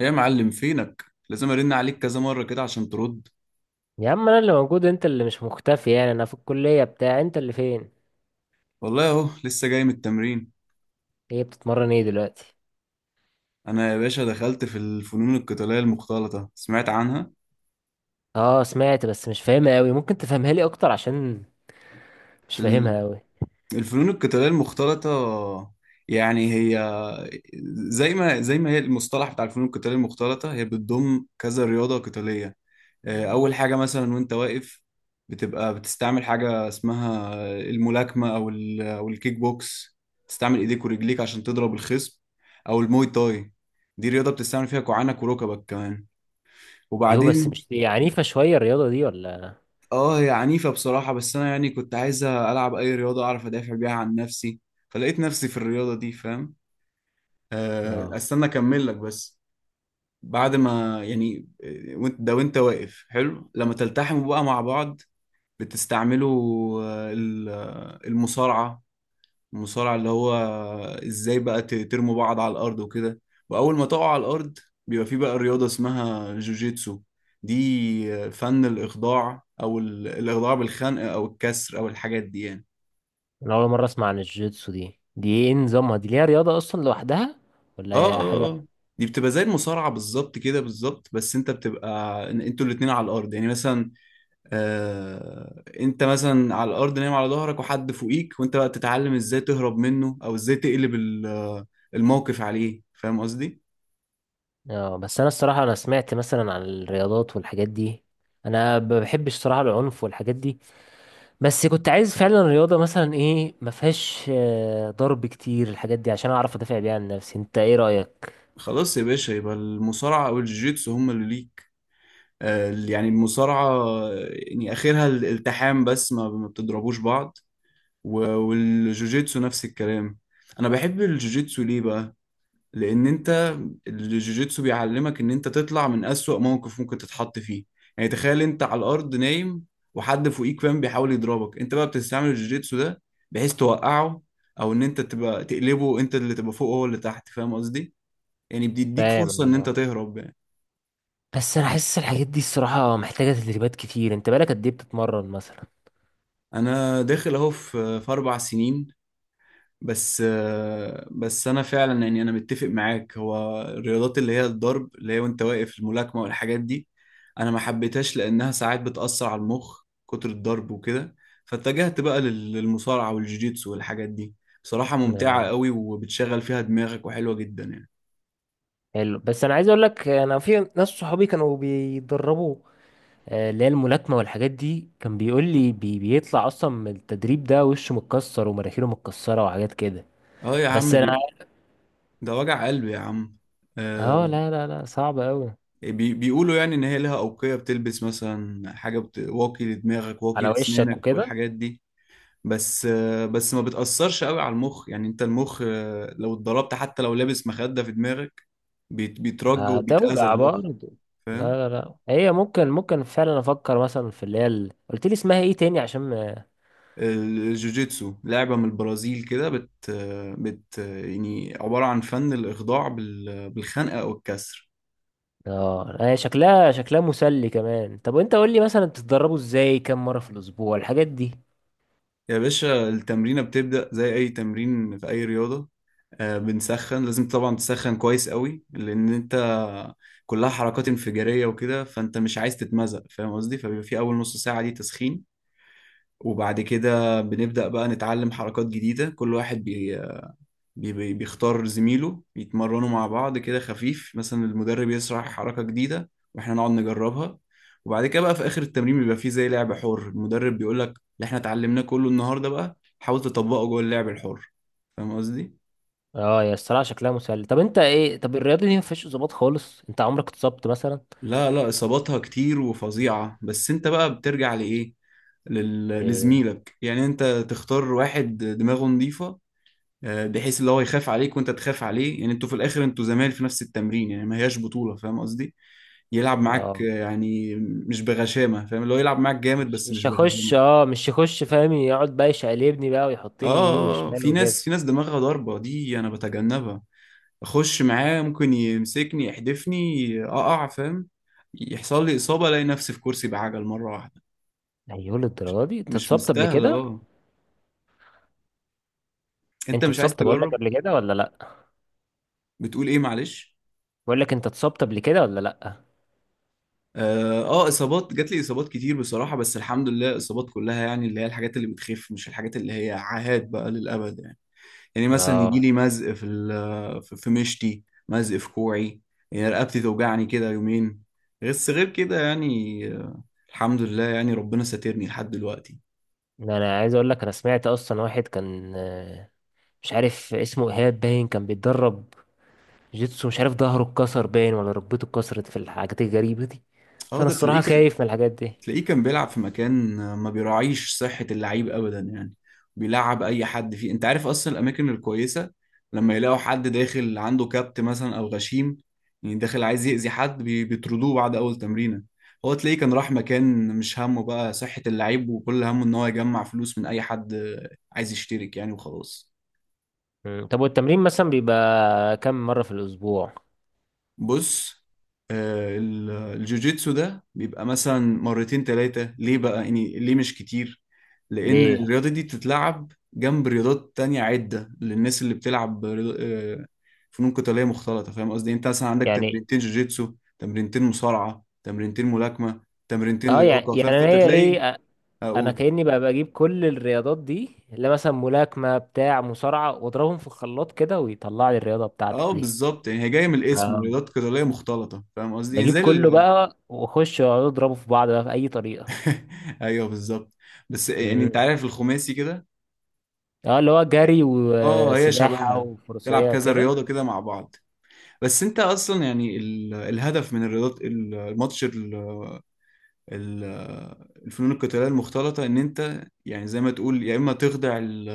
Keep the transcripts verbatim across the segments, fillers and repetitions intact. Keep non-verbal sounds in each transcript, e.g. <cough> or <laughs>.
ايه يا معلم، فينك؟ لازم ارن عليك كذا مره كده عشان ترد. يا عم، انا اللي موجود، انت اللي مش مختفي يعني. انا في الكلية، بتاع انت اللي فين؟ والله اهو لسه جاي من التمرين. هي بتتمرن ايه دلوقتي؟ انا يا باشا دخلت في الفنون القتاليه المختلطه، سمعت عنها؟ اه سمعت، بس مش فاهمها قوي. ممكن تفهمها لي اكتر عشان مش ال- فاهمها قوي؟ الفنون القتاليه المختلطه يعني هي، زي ما زي ما هي المصطلح بتاع الفنون القتاليه المختلطه هي بتضم كذا رياضه قتاليه. آه، اول حاجه مثلا وانت واقف بتبقى بتستعمل حاجه اسمها الملاكمه او ال- او الكيك بوكس، تستعمل ايديك ورجليك عشان تضرب الخصم، او الموي تاي، دي رياضه بتستعمل فيها كوعانك وركبك كمان. يو، بس وبعدين مش دي عنيفة شوية الرياضة دي ولا؟ اه هي عنيفه بصراحه، بس انا يعني كنت عايز العب اي رياضه اعرف ادافع بيها عن نفسي، فلقيت نفسي في الرياضه دي. فاهم؟ آه، اه، استنى اكمل لك بس. بعد ما يعني آه، وانت- ده وانت واقف حلو لما تلتحموا بقى مع بعض بتستعمله، آه، ال- آه، المصارعة، المصارعة اللي هو ازاي بقى ت- ترموا بعض على الأرض وكده. وأول ما تقعوا على الأرض بيبقى في بقى رياضة اسمها جوجيتسو. دي آه، فن الإخضاع أو ال- الإخضاع بالخنق أو الكسر أو الحاجات دي يعني. انا اول مرة اسمع عن الجيتسو دي. دي ايه نظامها؟ دي ليها رياضة اصلا لوحدها ولا اه هي اه حاجة؟ اه، دي بتبقى زي المصارعة بالظبط كده بالظبط، بس انت بتبقى إن- انتوا الاتنين على الأرض، يعني مثلا آه، انت مثلا على الارض نايم على ظهرك وحد فوقيك وانت بقى بتتعلم ازاي تهرب منه او ازاي تقلب ال- الموقف عليه. فاهم قصدي؟ اه، بس انا الصراحة انا سمعت مثلا عن الرياضات والحاجات دي. انا ما بحبش الصراحة العنف والحاجات دي. بس كنت عايز فعلا رياضة مثلا ايه ما فيهاش آه، ضرب كتير الحاجات دي عشان اعرف ادافع بيها عن نفسي. انت ايه رأيك؟ خلاص يا باشا، يبقى المصارعة او الجيتسو هم اللي ليك. آه، يعني المصارعة آه، يعني اخرها الالتحام بس ما ما بتضربوش بعض. و- والجوجيتسو نفس الكلام. انا بحب الجوجيتسو ليه بقى؟ لان انت الجوجيتسو بيعلمك ان انت تطلع من اسوأ موقف ممكن تتحط فيه. يعني تخيل انت على الارض نايم وحد فوقيك فاهم بيحاول يضربك، انت بقى بتستعمل الجوجيتسو ده بحيث توقعه، او ان انت تبقى تقلبه، انت اللي تبقى فوق هو اللي تحت. فاهم قصدي؟ يعني بيديك فرصة فاهم. ان انت تهرب يعني. بس انا حاسس الحاجات دي الصراحة محتاجة تدريبات كتير. انت بالك قد ايه بتتمرن مثلا؟ انا داخل اهو في في اربع سنين بس. بس انا فعلا يعني انا متفق معاك، هو الرياضات اللي هي الضرب اللي هي وانت واقف الملاكمه والحاجات دي، انا ما حبيتهاش لانها ساعات بتاثر على المخ، كتر الضرب وكده. فاتجهت بقى لل- للمصارعه والجوجيتسو والحاجات دي. بصراحه ممتعه آه، قوي وبتشغل فيها دماغك وحلوه جدا يعني. حلو. بس انا عايز اقول لك، انا في ناس صحابي كانوا بيتدربوا آه، اللي هي الملاكمة والحاجات دي. كان بيقول لي بي بيطلع اصلا من التدريب ده وشه متكسر ومراخيره متكسرة وحاجات كده. اه يا عم بس انا <laughs> دي، ده وجع قلب يا عم. اه، آه. لا لا لا، صعب قوي. بي بيقولوا يعني ان هي لها اوقيه، بتلبس مثلا حاجه بت... واقي لدماغك، واقي على وشك لسنانك وكده. والحاجات دي. بس بس ما بتأثرش قوي على المخ، يعني انت المخ آه، لو اتضربت حتى لو لابس مخدة في دماغك بيت- بيترج وبيتأذى هتوجع المخ. برضه. فاهم؟ لا لا لا، هي ممكن ممكن فعلا افكر مثلا في اللي هي ال- قلت لي اسمها ايه تاني عشان ما- الجوجيتسو لعبة من البرازيل كده بت بت يعني عبارة عن فن الإخضاع بال- بالخنقة أو الكسر. اه، هي شكلها شكلها مسلي كمان. طب وانت قول لي مثلا بتتدربوا ازاي؟ كم مره في الاسبوع الحاجات دي؟ يا باشا التمرينة بتبدأ زي أي تمرين في أي رياضة. آه، بنسخن، لازم طبعا تسخن كويس قوي لأن أنت كلها حركات انفجارية وكده فأنت مش عايز تتمزق، فاهم قصدي؟ فبيبقى في أول نص ساعة دي تسخين. وبعد كده بنبدأ بقى نتعلم حركات جديدة، كل واحد بي- بي- بيختار زميله يتمرنوا مع بعض كده خفيف، مثلا المدرب يشرح حركة جديدة واحنا نقعد نجربها. وبعد كده بقى في آخر التمرين بيبقى فيه زي لعب حر، المدرب بيقول لك اللي احنا اتعلمناه كله النهارده بقى حاول تطبقه جوه اللعب الحر. فاهم قصدي؟ اه يا الصراحه شكلها مسلي. طب انت ايه؟ طب الرياضه دي ما فيهاش اصابات خالص؟ انت عمرك اتصبت مثلا؟ لا لا، إصاباتها كتير وفظيعة. بس انت بقى بترجع لإيه؟ لل- ايه؟ لزميلك، يعني انت تختار واحد دماغه نظيفة، آه، بحيث اللي هو يخاف عليك وانت تخاف عليه. يعني انتوا في الاخر انتوا زمايل في نفس التمرين يعني ما هياش بطولة. فاهم قصدي؟ يلعب معاك اه، يعني مش بغشامه، فاهم؟ اللي هو يلعب معاك جامد مش بس مش مش هخش، بغشامه. اه مش هخش فاهم. يقعد بقى يشقلبني بقى، اه، ويحطني يمين آه، آه، وشمال في وكده. ناس، في ناس دماغها ضاربه دي انا بتجنبها. اخش معاه ممكن يمسكني يحدفني اقع، فاهم؟ يحصل لي اصابه الاقي نفسي في كرسي بعجل مره واحده. ايوه، للدرجه دي؟ انت مش اتصبت قبل مستاهله. كده؟ اه. انت انت مش عايز اتصبت، بقول لك، تجرب. قبل كده ولا لا؟ بتقول ايه معلش؟ بقول لك انت اتصبت قبل كده ولا لا؟ اه، آه، اصابات جات لي اصابات كتير بصراحه، بس الحمد لله الاصابات كلها يعني اللي هي الحاجات اللي بتخف، مش الحاجات اللي هي عاهات بقى للابد يعني. يعني مثلا يجي اه لي مزق في ال- في في مشتي، مزق في كوعي، يعني رقبتي توجعني كده يومين. بس غير كده يعني آه، الحمد لله، يعني ربنا ساترني لحد دلوقتي. ده انا عايز اقول لك، انا سمعت اصلا واحد كان آه، مش عارف اسمه ايهاب باين، كان بيتدرب جيتسو. مش عارف ظهره اتكسر باين ولا ركبته اتكسرت في الحاجات الغريبة دي. اه فانا ده الصراحة تلاقيك خايف من الحاجات دي. تلاقيه كان بيلعب في مكان ما بيراعيش صحة اللعيب أبدا يعني، بيلعب أي حد فيه. أنت عارف أصلا الأماكن الكويسة لما يلاقوا حد داخل عنده كبت مثلا أو غشيم، يعني داخل عايز يأذي حد، بي- بيطردوه بعد أول تمرينة. هو تلاقيه كان راح مكان مش همه بقى صحة اللعيب، وكل همه إن هو يجمع فلوس من أي حد عايز يشترك يعني وخلاص. مم. طب والتمرين مثلا بيبقى كم مرة في الاسبوع؟ بص، آه، ال- الجوجيتسو ده بيبقى مثلا مرتين ثلاثة، ليه بقى يعني ليه مش كتير؟ لأن ليه الرياضة دي بتتلعب جنب رياضات تانية عدة للناس اللي بتلعب رياض- آه، فنون قتالية مختلطة. فاهم قصدي؟ انت مثلا عندك يعني؟ تمرينتين جوجيتسو، تمرينتين مصارعة، تمرينتين ملاكمة، تمرينتين اه، يعني لياقة، فاهم؟ يعني انا فانت هي تلاقي... ايه أ- انا اقول كأني بقى بجيب كل الرياضات دي اللي مثلا ملاكمة بتاع مصارعة، واضربهم في الخلاط كده ويطلع لي الرياضة اه بتاعتك بالظبط، يعني هي جاية من الاسم رياضات دي؟ قتالية مختلطة، فاهم قصدي؟ يعني زي بجيب كله ال- بقى واخش واقعد اضربه في بعض بقى باي طريقه. <laughs> ايوه بالظبط. بس يعني انت مم. عارف الخماسي كده. اه، اللي هو جري اه هي وسباحه شبهها، تلعب وفروسيه كذا وكده. رياضة كده مع بعض. بس انت اصلا يعني ال- الهدف من الرياضات، ال- الماتش، ال- ال- الفنون القتالية المختلطة، ان انت يعني زي ما تقول يا اما تخدع ال-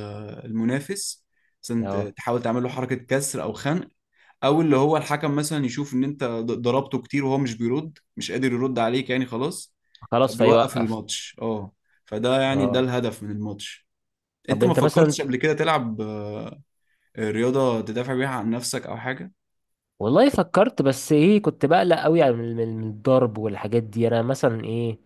المنافس، مثلا ت- اه، تحاول تعمل له حركة كسر او خنق، او اللي هو الحكم مثلا يشوف ان انت ض- ضربته كتير وهو مش بيرد، مش قادر يرد عليك يعني خلاص، خلاص فبيوقف فيوقف. الماتش. اه، فده يعني ده اه، الهدف من الماتش. طب انت ما وانت مثلا؟ فكرتش قبل كده تلعب رياضة تدافع بيها عن نفسك أو حاجة؟ والله فكرت، بس ايه كنت بقلق قوي على من من- من الضرب والحاجات دي. انا مثلا ايه،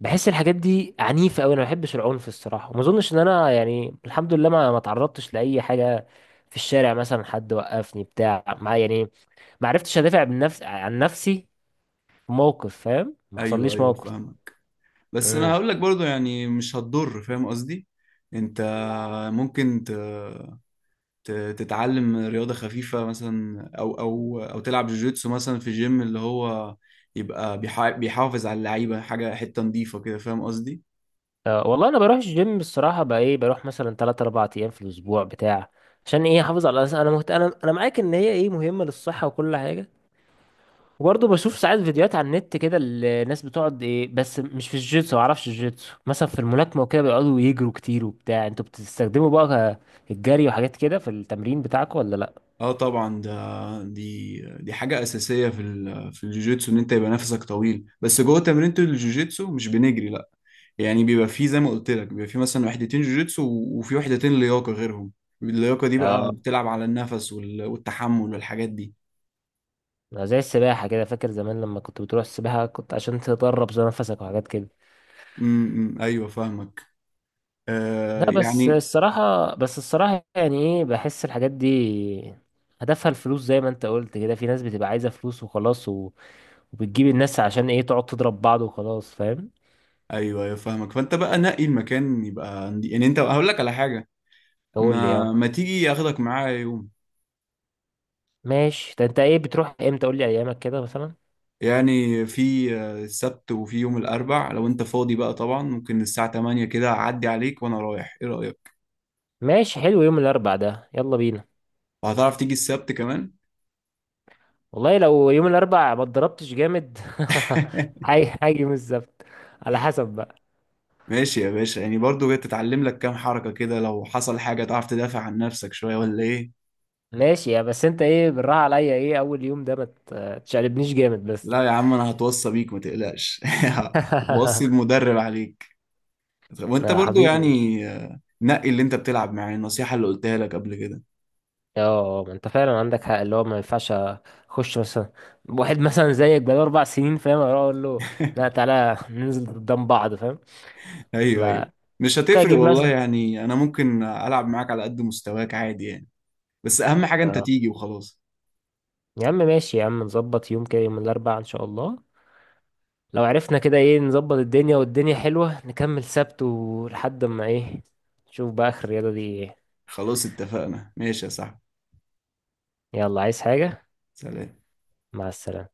بحس الحاجات دي عنيفه قوي. انا ما بحبش العنف الصراحه، وما اظنش ان انا يعني الحمد لله ما ما تعرضتش لاي حاجه في الشارع مثلا. حد وقفني بتاع ما يعني، ما عرفتش ادافع عن نفسي عن نفسي. موقف فاهم، ما أيوه حصليش أيوه موقف. فاهمك. بس أنا امم. هقول لك برضو يعني مش هتضر، فاهم قصدي؟ أنت ممكن ت... ت... تتعلم رياضة خفيفة مثلا، أو أو أو تلعب جوجيتسو مثلا في جيم اللي هو يبقى بيح... بيحافظ على اللعيبة، حاجة حتة نظيفة كده، فاهم قصدي؟ أه، والله انا بروح الجيم الصراحه بقى ايه، بروح مثلا ثلاث اربع ايام في الاسبوع بتاع عشان ايه احافظ على الأس- انا مهت... انا انا معاك ان هي ايه مهمه للصحه وكل حاجه. وبرضه بشوف ساعات فيديوهات على النت كده الناس بتقعد ايه، بس مش في الجيتسو، ما اعرفش الجيتسو. مثلا في الملاكمه وكده بيقعدوا يجروا كتير وبتاع. انتوا بتستخدموا بقى ك- الجري وحاجات كده في التمرين بتاعكم ولا لا؟ اه طبعا ده دي دي حاجه اساسيه في ال- في الجوجيتسو، ان انت يبقى نفسك طويل، بس جوه تمرينة الجوجيتسو مش بنجري لا. يعني بيبقى فيه زي ما قلت لك بيبقى فيه مثلا وحدتين جوجيتسو و- وفي وحدتين لياقه غيرهم. اللياقه دي بقى اه، بتلعب على النفس وال- والتحمل والحاجات دي. زي السباحه كده، فاكر زمان لما كنت بتروح السباحه كنت عشان تدرب زي نفسك وحاجات كده. امم ايوه فاهمك. آه لا، بس يعني... الصراحة بس الصراحة يعني ايه، بحس الحاجات دي هدفها الفلوس زي ما انت قلت كده. في ناس بتبقى عايزة فلوس وخلاص و... وبتجيب الناس عشان ايه تقعد تضرب بعض وخلاص فاهم. ايوه ايوه فاهمك، فانت بقى نقي المكان، يبقى يعني انت هقول لك على حاجه: قول لي ما يعني. ما تيجي اخدك معايا يوم؟ ماشي، ده انت ايه بتروح امتى؟ قول لي ايامك كده مثلا. يعني في آه، السبت وفي يوم الأربع، لو أنت فاضي بقى طبعا ممكن الساعة تمانية كده أعدي عليك وأنا رايح. إيه رأيك؟ ماشي، حلو يوم الاربع ده، يلا بينا. وهتعرف تيجي السبت كمان؟ والله لو يوم الاربع ما اتضربتش جامد. <laughs> <laughs> هاي، هاجي يوم السبت، على حسب بقى. ماشي يا باشا، يعني برضو تتعلم لك كام حركة كده، لو حصل حاجة تعرف تدافع عن نفسك شوية، ولا إيه؟ ماشي يا، بس انت ايه بالراحة عليا، ايه اول يوم ده ما ت- تشقلبنيش جامد بس. لا يا عم، أنا هتوصى بيك ما تقلقش. <laughs> هوصي <laughs> المدرب عليك. وأنت يا برضو حبيبي. يعني آه، نقي اللي أنت بتلعب معاه، النصيحة اللي قلتها لك قبل كده. اه، ما انت فعلا عندك حق، اللي هو ما ينفعش اخش مثلا واحد مثلا زيك بقاله اربع سنين فاهم، اروح اقول له لا، <laughs> تعالى ننزل قدام بعض فاهم. أيوه أيوه، تبقى مش ممكن هتفرق اجيب والله مثلا. يعني، أنا ممكن ألعب معاك على قد مستواك عادي يعني. بس اهم حاجة انت اه. تيجي وخلاص. يا عم ماشي يا عم، نظبط يوم كده، يوم الاربعاء ان شاء الله. لو عرفنا كده ايه نظبط الدنيا والدنيا حلوة نكمل سبت، ولحد ما ايه نشوف بقى اخر الرياضة دي ايه. خلاص اتفقنا، ماشي يا صاحبي. يلا، عايز حاجة؟ سلام. مع السلامة.